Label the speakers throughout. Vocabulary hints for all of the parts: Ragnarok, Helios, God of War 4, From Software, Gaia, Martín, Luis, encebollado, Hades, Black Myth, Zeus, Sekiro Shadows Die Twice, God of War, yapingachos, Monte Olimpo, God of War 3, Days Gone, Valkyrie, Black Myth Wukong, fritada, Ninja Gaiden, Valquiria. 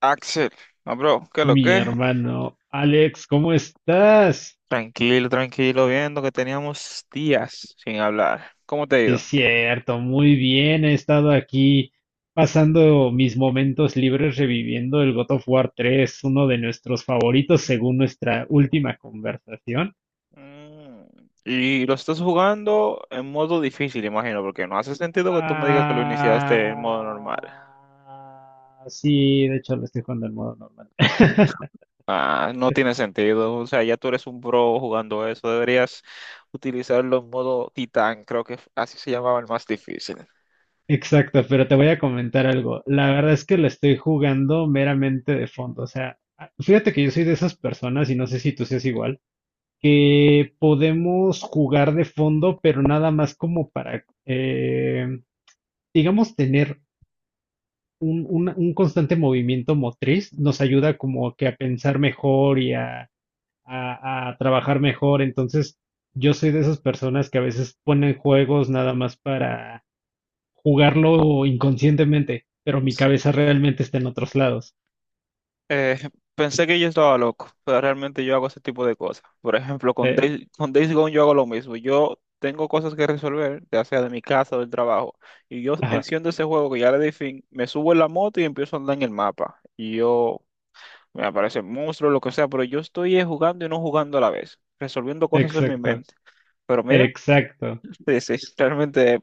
Speaker 1: Axel, no, bro, ¿qué lo
Speaker 2: Mi
Speaker 1: que?
Speaker 2: hermano Alex, ¿cómo estás?
Speaker 1: Tranquilo, tranquilo, viendo que teníamos días sin hablar. ¿Cómo te ha
Speaker 2: Sí, es
Speaker 1: ido?
Speaker 2: cierto, muy bien. He estado aquí pasando mis momentos libres reviviendo el God of War 3, uno de nuestros favoritos según nuestra última conversación.
Speaker 1: Mm, Y lo estás jugando en modo difícil, imagino, porque no hace sentido que tú me digas que lo
Speaker 2: Ah,
Speaker 1: iniciaste en modo normal.
Speaker 2: sí, de hecho lo estoy jugando en modo normal.
Speaker 1: Ah, no tiene sentido, o sea, ya tú eres un pro jugando eso, deberías utilizarlo en modo titán, creo que así se llamaba el más difícil.
Speaker 2: Exacto, pero te voy a comentar algo. La verdad es que lo estoy jugando meramente de fondo. O sea, fíjate que yo soy de esas personas y no sé si tú seas igual, que podemos jugar de fondo, pero nada más como para, digamos, tener un constante movimiento motriz, nos ayuda como que a pensar mejor y a trabajar mejor. Entonces, yo soy de esas personas que a veces ponen juegos nada más para jugarlo inconscientemente, pero mi cabeza realmente está en otros lados.
Speaker 1: Eh, Pensé que yo estaba loco, pero realmente yo hago ese tipo de cosas. Por ejemplo,
Speaker 2: Eh,
Speaker 1: Con Days Gone yo hago lo mismo. Yo tengo cosas que resolver, ya sea de mi casa o del trabajo, y yo
Speaker 2: ajá,
Speaker 1: enciendo ese juego que ya le di fin, me subo en la moto y empiezo a andar en el mapa. Y yo, me aparece monstruo, lo que sea, pero yo estoy jugando y no jugando a la vez, resolviendo cosas en mi
Speaker 2: exacto,
Speaker 1: mente. Pero mira,
Speaker 2: exacto.
Speaker 1: sí, sí, realmente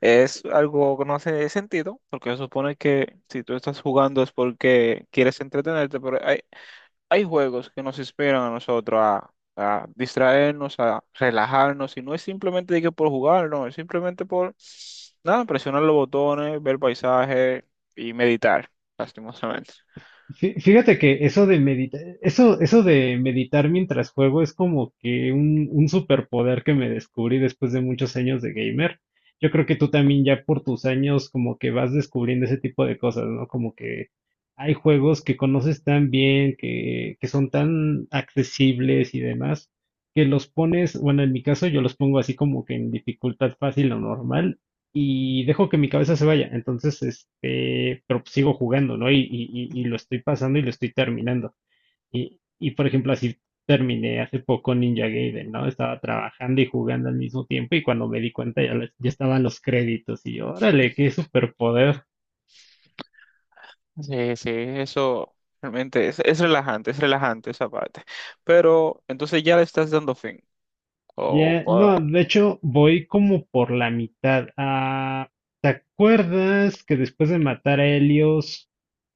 Speaker 1: es algo que no hace sentido, porque se supone que si tú estás jugando es porque quieres entretenerte, pero hay juegos que nos inspiran a nosotros a distraernos, a relajarnos, y no es simplemente de que por jugar, no, es simplemente por nada, presionar los botones, ver paisaje y meditar, lastimosamente.
Speaker 2: Fíjate que eso de meditar, eso de meditar mientras juego es como que un superpoder que me descubrí después de muchos años de gamer. Yo creo que tú también ya por tus años como que vas descubriendo ese tipo de cosas, ¿no? Como que hay juegos que conoces tan bien, que son tan accesibles y demás, que los pones, bueno, en mi caso yo los pongo así como que en dificultad fácil o normal y dejo que mi cabeza se vaya. Entonces, este, pero pues sigo jugando, ¿no? Y lo estoy pasando y lo estoy terminando. Y por ejemplo, así terminé hace poco Ninja Gaiden, ¿no? Estaba trabajando y jugando al mismo tiempo y cuando me di cuenta ya, ya estaban los créditos y yo, órale, qué superpoder.
Speaker 1: Sí, sí, eso realmente es relajante, es relajante esa parte. Pero entonces ya le estás dando fin. O
Speaker 2: Ya, no,
Speaker 1: o,
Speaker 2: de hecho voy como por la mitad. Ah, ¿te acuerdas que después de matar a Helios,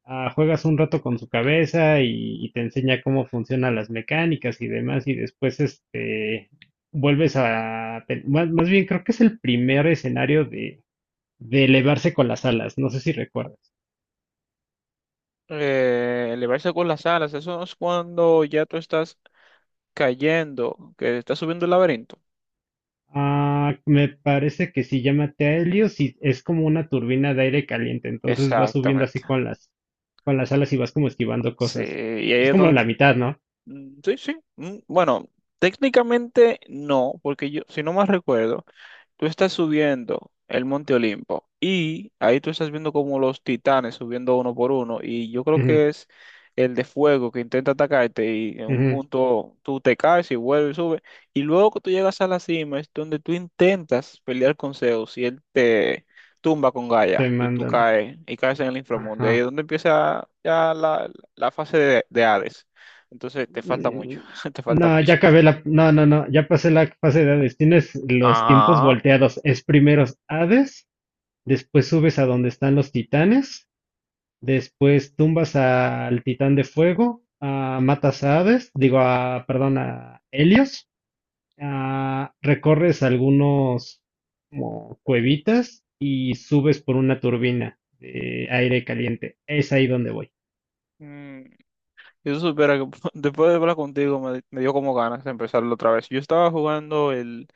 Speaker 2: juegas un rato con su cabeza y te enseña cómo funcionan las mecánicas y demás y después este vuelves a. Más bien creo que es el primer escenario de elevarse con las alas, no sé si recuerdas.
Speaker 1: Elevarse con las alas, eso es cuando ya tú estás cayendo, que estás subiendo el laberinto.
Speaker 2: Ah, me parece que se llama Helios y es como una turbina de aire caliente, entonces vas subiendo así
Speaker 1: Exactamente.
Speaker 2: con las alas y vas como esquivando
Speaker 1: Sí,
Speaker 2: cosas.
Speaker 1: y ahí
Speaker 2: Es
Speaker 1: es
Speaker 2: como
Speaker 1: donde...
Speaker 2: la mitad, ¿no?
Speaker 1: Mm. Sí, sí. Mm. Bueno, técnicamente no, porque yo, si no más recuerdo, tú estás subiendo el Monte Olimpo y ahí tú estás viendo como los titanes subiendo uno por uno y yo creo
Speaker 2: Ujú,
Speaker 1: que es el de fuego que intenta atacarte y en un
Speaker 2: ujú,
Speaker 1: punto tú te caes y vuelves y subes y luego que tú llegas a la cima es donde tú intentas pelear con Zeus y él te tumba con
Speaker 2: te
Speaker 1: Gaia y tú
Speaker 2: mandan.
Speaker 1: caes y caes en el inframundo, ahí es
Speaker 2: Ajá.
Speaker 1: donde empieza ya la fase de Hades. Entonces te falta mucho,
Speaker 2: Mm,
Speaker 1: te falta
Speaker 2: no, ya
Speaker 1: mucho.
Speaker 2: acabé la, no, no, no, ya pasé la fase de Hades. Tienes los tiempos
Speaker 1: Ajá.
Speaker 2: volteados. Es primero Hades, después subes a donde están los titanes, después tumbas al titán de fuego, ah, matas a Hades, digo, a, perdón, a Helios. Ah, recorres algunos como cuevitas y subes por una turbina de aire caliente. Es ahí donde voy.
Speaker 1: Y tú supieras que después de hablar contigo me dio como ganas de empezarlo otra vez. Yo estaba jugando el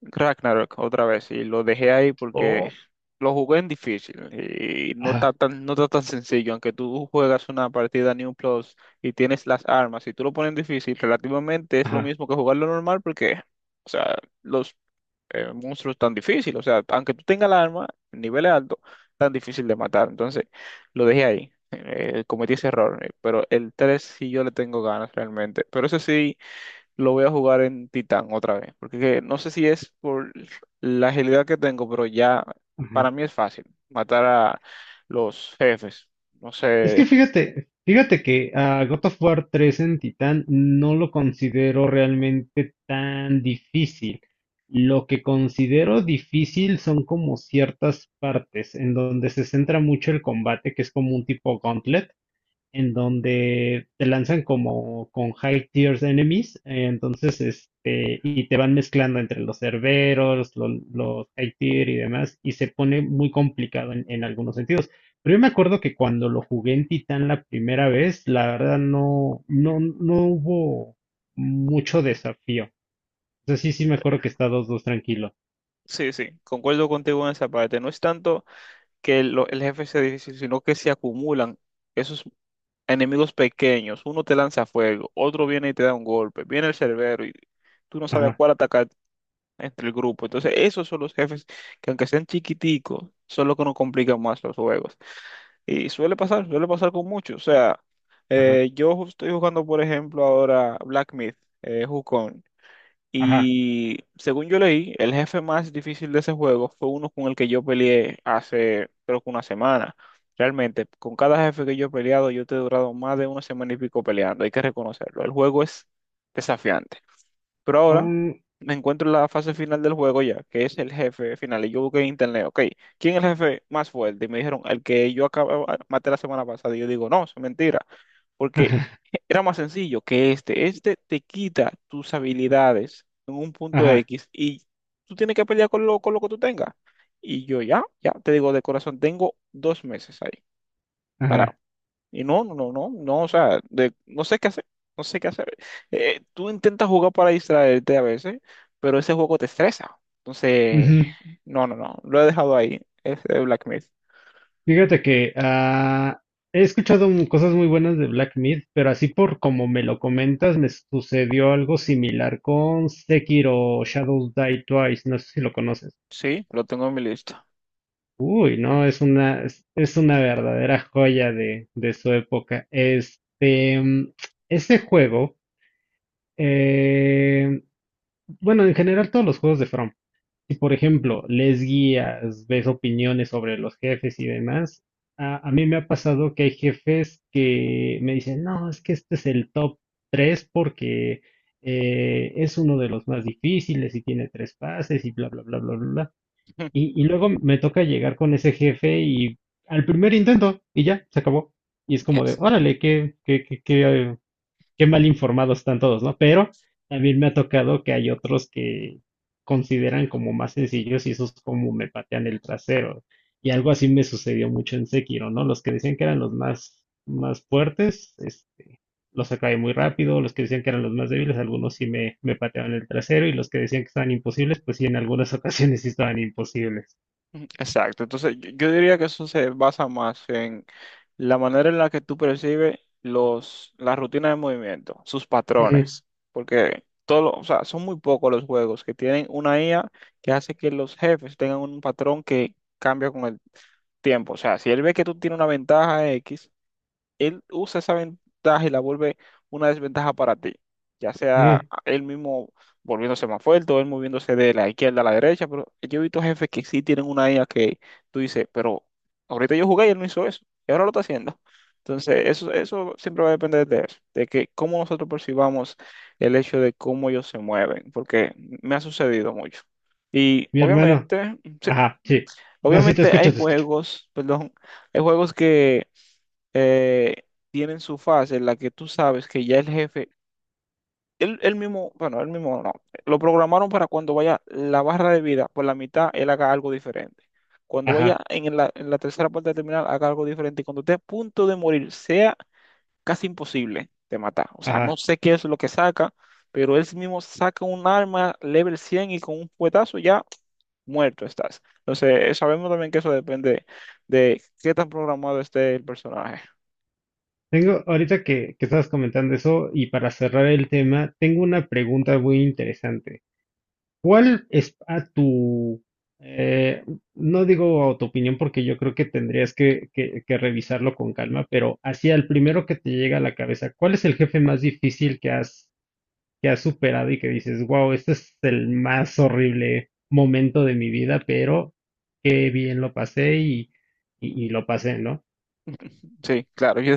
Speaker 1: Ragnarok otra vez y lo dejé ahí porque
Speaker 2: Oh,
Speaker 1: lo jugué en difícil y no está
Speaker 2: ajá,
Speaker 1: tan, no está tan sencillo. Aunque tú juegas una partida New Plus y tienes las armas y tú lo pones en difícil, relativamente es lo
Speaker 2: ajá,
Speaker 1: mismo que jugarlo normal porque, o sea, los monstruos tan difícil. O sea, aunque tú tengas el arma, nivel alto, tan difícil de matar. Entonces, lo dejé ahí. Cometí ese error. Pero el 3 sí yo le tengo ganas realmente. Pero ese sí lo voy a jugar en Titán otra vez. Porque no sé si es por la agilidad que tengo, pero ya
Speaker 2: ajá.
Speaker 1: para mí es fácil matar a los jefes. No
Speaker 2: Es
Speaker 1: sé.
Speaker 2: que fíjate que a God of War 3 en Titán no lo considero realmente tan difícil. Lo que considero difícil son como ciertas partes en donde se centra mucho el combate, que es como un tipo gauntlet en donde te lanzan como con high tiers enemies, entonces este, y te van mezclando entre los cerberos, los high tier y demás, y se pone muy complicado en algunos sentidos. Pero yo me acuerdo que cuando lo jugué en Titán la primera vez, la verdad no, no, no hubo mucho desafío. O sea, sí, sí me acuerdo que está 2-2 tranquilo.
Speaker 1: Sí, sí, concuerdo contigo en esa parte. No es tanto que el jefe sea difícil, sino que se acumulan esos enemigos pequeños, uno te lanza fuego, otro viene y te da un golpe, viene el cerbero y tú no sabes a
Speaker 2: Ajá,
Speaker 1: cuál atacar entre el grupo. Entonces, esos son los jefes que aunque sean chiquiticos, son los que nos complican más los juegos. Y suele pasar con muchos. O sea,
Speaker 2: ajá,
Speaker 1: estoy jugando, por ejemplo, ahora Black Myth, Wukong.
Speaker 2: ajá.
Speaker 1: Y según yo leí, el jefe más difícil de ese juego fue uno con el que yo peleé hace, creo que una semana. Realmente, con cada jefe que yo he peleado, yo te he durado más de una semana y pico peleando, hay que reconocerlo. El juego es desafiante. Pero ahora
Speaker 2: Mm,
Speaker 1: me encuentro en la fase final del juego ya, que es el jefe final. Y yo busqué en internet, ok, ¿quién es el jefe más fuerte? Y me dijeron, el que yo acababa, maté la semana pasada. Y yo digo, no, es mentira, porque era más sencillo que este. Este te quita tus habilidades en un punto
Speaker 2: ajá,
Speaker 1: X y tú tienes que pelear con lo que tú tengas. Y yo ya, ya, te digo de corazón, tengo 2 meses ahí.
Speaker 2: ajá,
Speaker 1: Para
Speaker 2: ajá.
Speaker 1: y no, no, no, no, no, o sea, no sé qué hacer, no sé qué hacer. Tú intentas jugar para distraerte a veces, pero ese juego te estresa. Entonces,
Speaker 2: Ujú.
Speaker 1: no, no, no, lo he dejado ahí, ese de Black Myth.
Speaker 2: Fíjate que he escuchado cosas muy buenas de Black Myth, pero así por como me lo comentas, me sucedió algo similar con Sekiro Shadows Die Twice. No sé si lo conoces.
Speaker 1: Sí, lo tengo en mi lista.
Speaker 2: Uy, no, es una verdadera joya de su época. Este, ese juego, eh, bueno, en general todos los juegos de From. Si por ejemplo lees guías, ves opiniones sobre los jefes y demás, a mí me ha pasado que hay jefes que me dicen, no, es que este es el top 3 porque es uno de los más difíciles y tiene tres pases y bla, bla, bla, bla, bla, bla. Y luego me toca llegar con ese jefe y al primer intento y ya, se acabó. Y es como de,
Speaker 1: Yes.
Speaker 2: órale, qué, eh, qué mal informados están todos, ¿no? Pero también me ha tocado que hay otros que consideran como más sencillos y esos como me patean el trasero. Y algo así me sucedió mucho en Sekiro, ¿no? Los que decían que eran los más, más fuertes, este, los acabé muy rápido, los que decían que eran los más débiles, algunos sí me pateaban el trasero, y los que decían que estaban imposibles, pues sí, en algunas ocasiones sí estaban imposibles.
Speaker 1: Ujú. Exacto, entonces yo diría que eso se basa más en la manera en la que tú percibes los, las rutinas de movimiento, sus
Speaker 2: Ujú,
Speaker 1: patrones, porque todo, o sea, son muy pocos los juegos que tienen una IA que hace que los jefes tengan un patrón que cambia con el tiempo, o sea, si él ve que tú tienes una ventaja X, él usa esa ventaja y la vuelve una desventaja para ti, ya sea
Speaker 2: ujú.
Speaker 1: él mismo volviéndose más fuerte o él moviéndose de la izquierda a la derecha, pero yo he visto jefes que sí tienen una IA que tú dices, pero ahorita yo jugué y él no hizo eso, y ahora lo está haciendo. Entonces, eso siempre va a depender de eso, de que cómo nosotros percibamos el hecho de cómo ellos se mueven, porque me ha sucedido mucho. Y
Speaker 2: Mi hermano,
Speaker 1: obviamente, sí,
Speaker 2: ajá, sí. No, sí, te
Speaker 1: obviamente hay
Speaker 2: escucho, te escucho.
Speaker 1: juegos, perdón, hay juegos que eh, tienen su fase en la que tú sabes que ya el jefe, él mismo, bueno, él mismo no, lo programaron para cuando vaya la barra de vida por la mitad, él haga algo diferente. Cuando vaya
Speaker 2: Ajá,
Speaker 1: en la, tercera parte del terminal, haga algo diferente. Y cuando esté a punto de morir, sea casi imposible de matar. O sea, no
Speaker 2: ajá.
Speaker 1: sé qué es lo que saca, pero él mismo saca un arma level 100 y con un puetazo ya muerto estás. Entonces, sabemos también que eso depende de qué tan programado esté el personaje.
Speaker 2: Tengo, ahorita que estabas comentando eso, y para cerrar el tema, tengo una pregunta muy interesante. ¿Cuál es a tu, eh, no digo a tu opinión porque yo creo que tendrías que revisarlo con calma, pero hacia el primero que te llega a la cabeza, cuál es el jefe más difícil que has superado y que dices, wow, este es el más horrible momento de mi vida, pero qué bien lo pasé y lo pasé, ¿no?
Speaker 1: Sí, claro. Yo,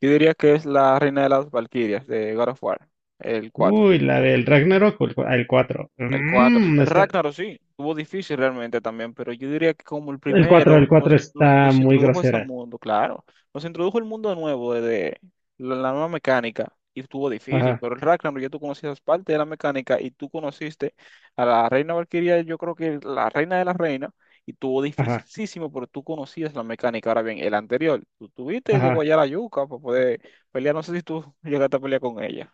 Speaker 1: yo diría que es la reina de las Valquirias de God of War, el 4.
Speaker 2: Uy, la del Ragnarok o el 4.
Speaker 1: El cuatro.
Speaker 2: Mm,
Speaker 1: El
Speaker 2: está,
Speaker 1: Ragnarok sí, tuvo difícil realmente también, pero yo diría que como el
Speaker 2: el cuatro,
Speaker 1: primero
Speaker 2: el cuatro
Speaker 1: nos, no-
Speaker 2: está
Speaker 1: nos
Speaker 2: muy
Speaker 1: introdujo a ese
Speaker 2: grosera.
Speaker 1: mundo, claro. Nos introdujo el mundo nuevo de la nueva mecánica y estuvo difícil,
Speaker 2: Ajá,
Speaker 1: pero el Ragnarok ya tú conocías parte de la mecánica y tú conociste a la reina Valkyria, yo creo que la reina de la reina, y tuvo
Speaker 2: ajá,
Speaker 1: dificilísimo, pero tú conocías la mecánica. Ahora bien, el anterior, tú tuviste que
Speaker 2: ajá.
Speaker 1: guayar la yuca para poder pelear, no sé si tú llegaste a pelear con ella.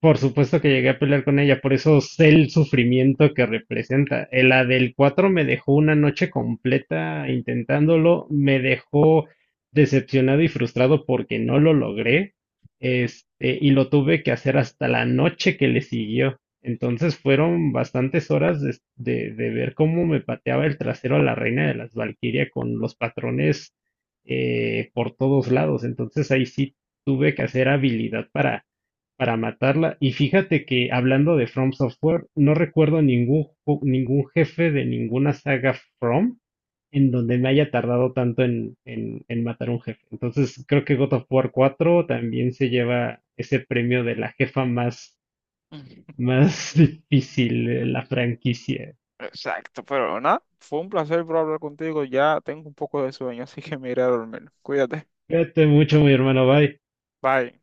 Speaker 2: Por supuesto que llegué a pelear con ella, por eso sé el sufrimiento que representa. La del 4 me dejó una noche completa intentándolo, me dejó decepcionado y frustrado porque no lo logré, este, y lo tuve que hacer hasta la noche que le siguió. Entonces fueron bastantes horas de ver cómo me pateaba el trasero a la reina de las Valquiria con los patrones por todos lados. Entonces ahí sí tuve que hacer habilidad para matarla. Y fíjate que hablando de From Software, no recuerdo ningún jefe de ninguna saga From en donde me haya tardado tanto en matar un jefe. Entonces creo que God of War 4 también se lleva ese premio de la jefa más, más difícil de la franquicia.
Speaker 1: Exacto, pero nada, fue un placer por hablar contigo. Ya tengo un poco de sueño, así que me iré a dormir. Cuídate.
Speaker 2: Cuídate mucho, mi hermano. Bye.
Speaker 1: Bye.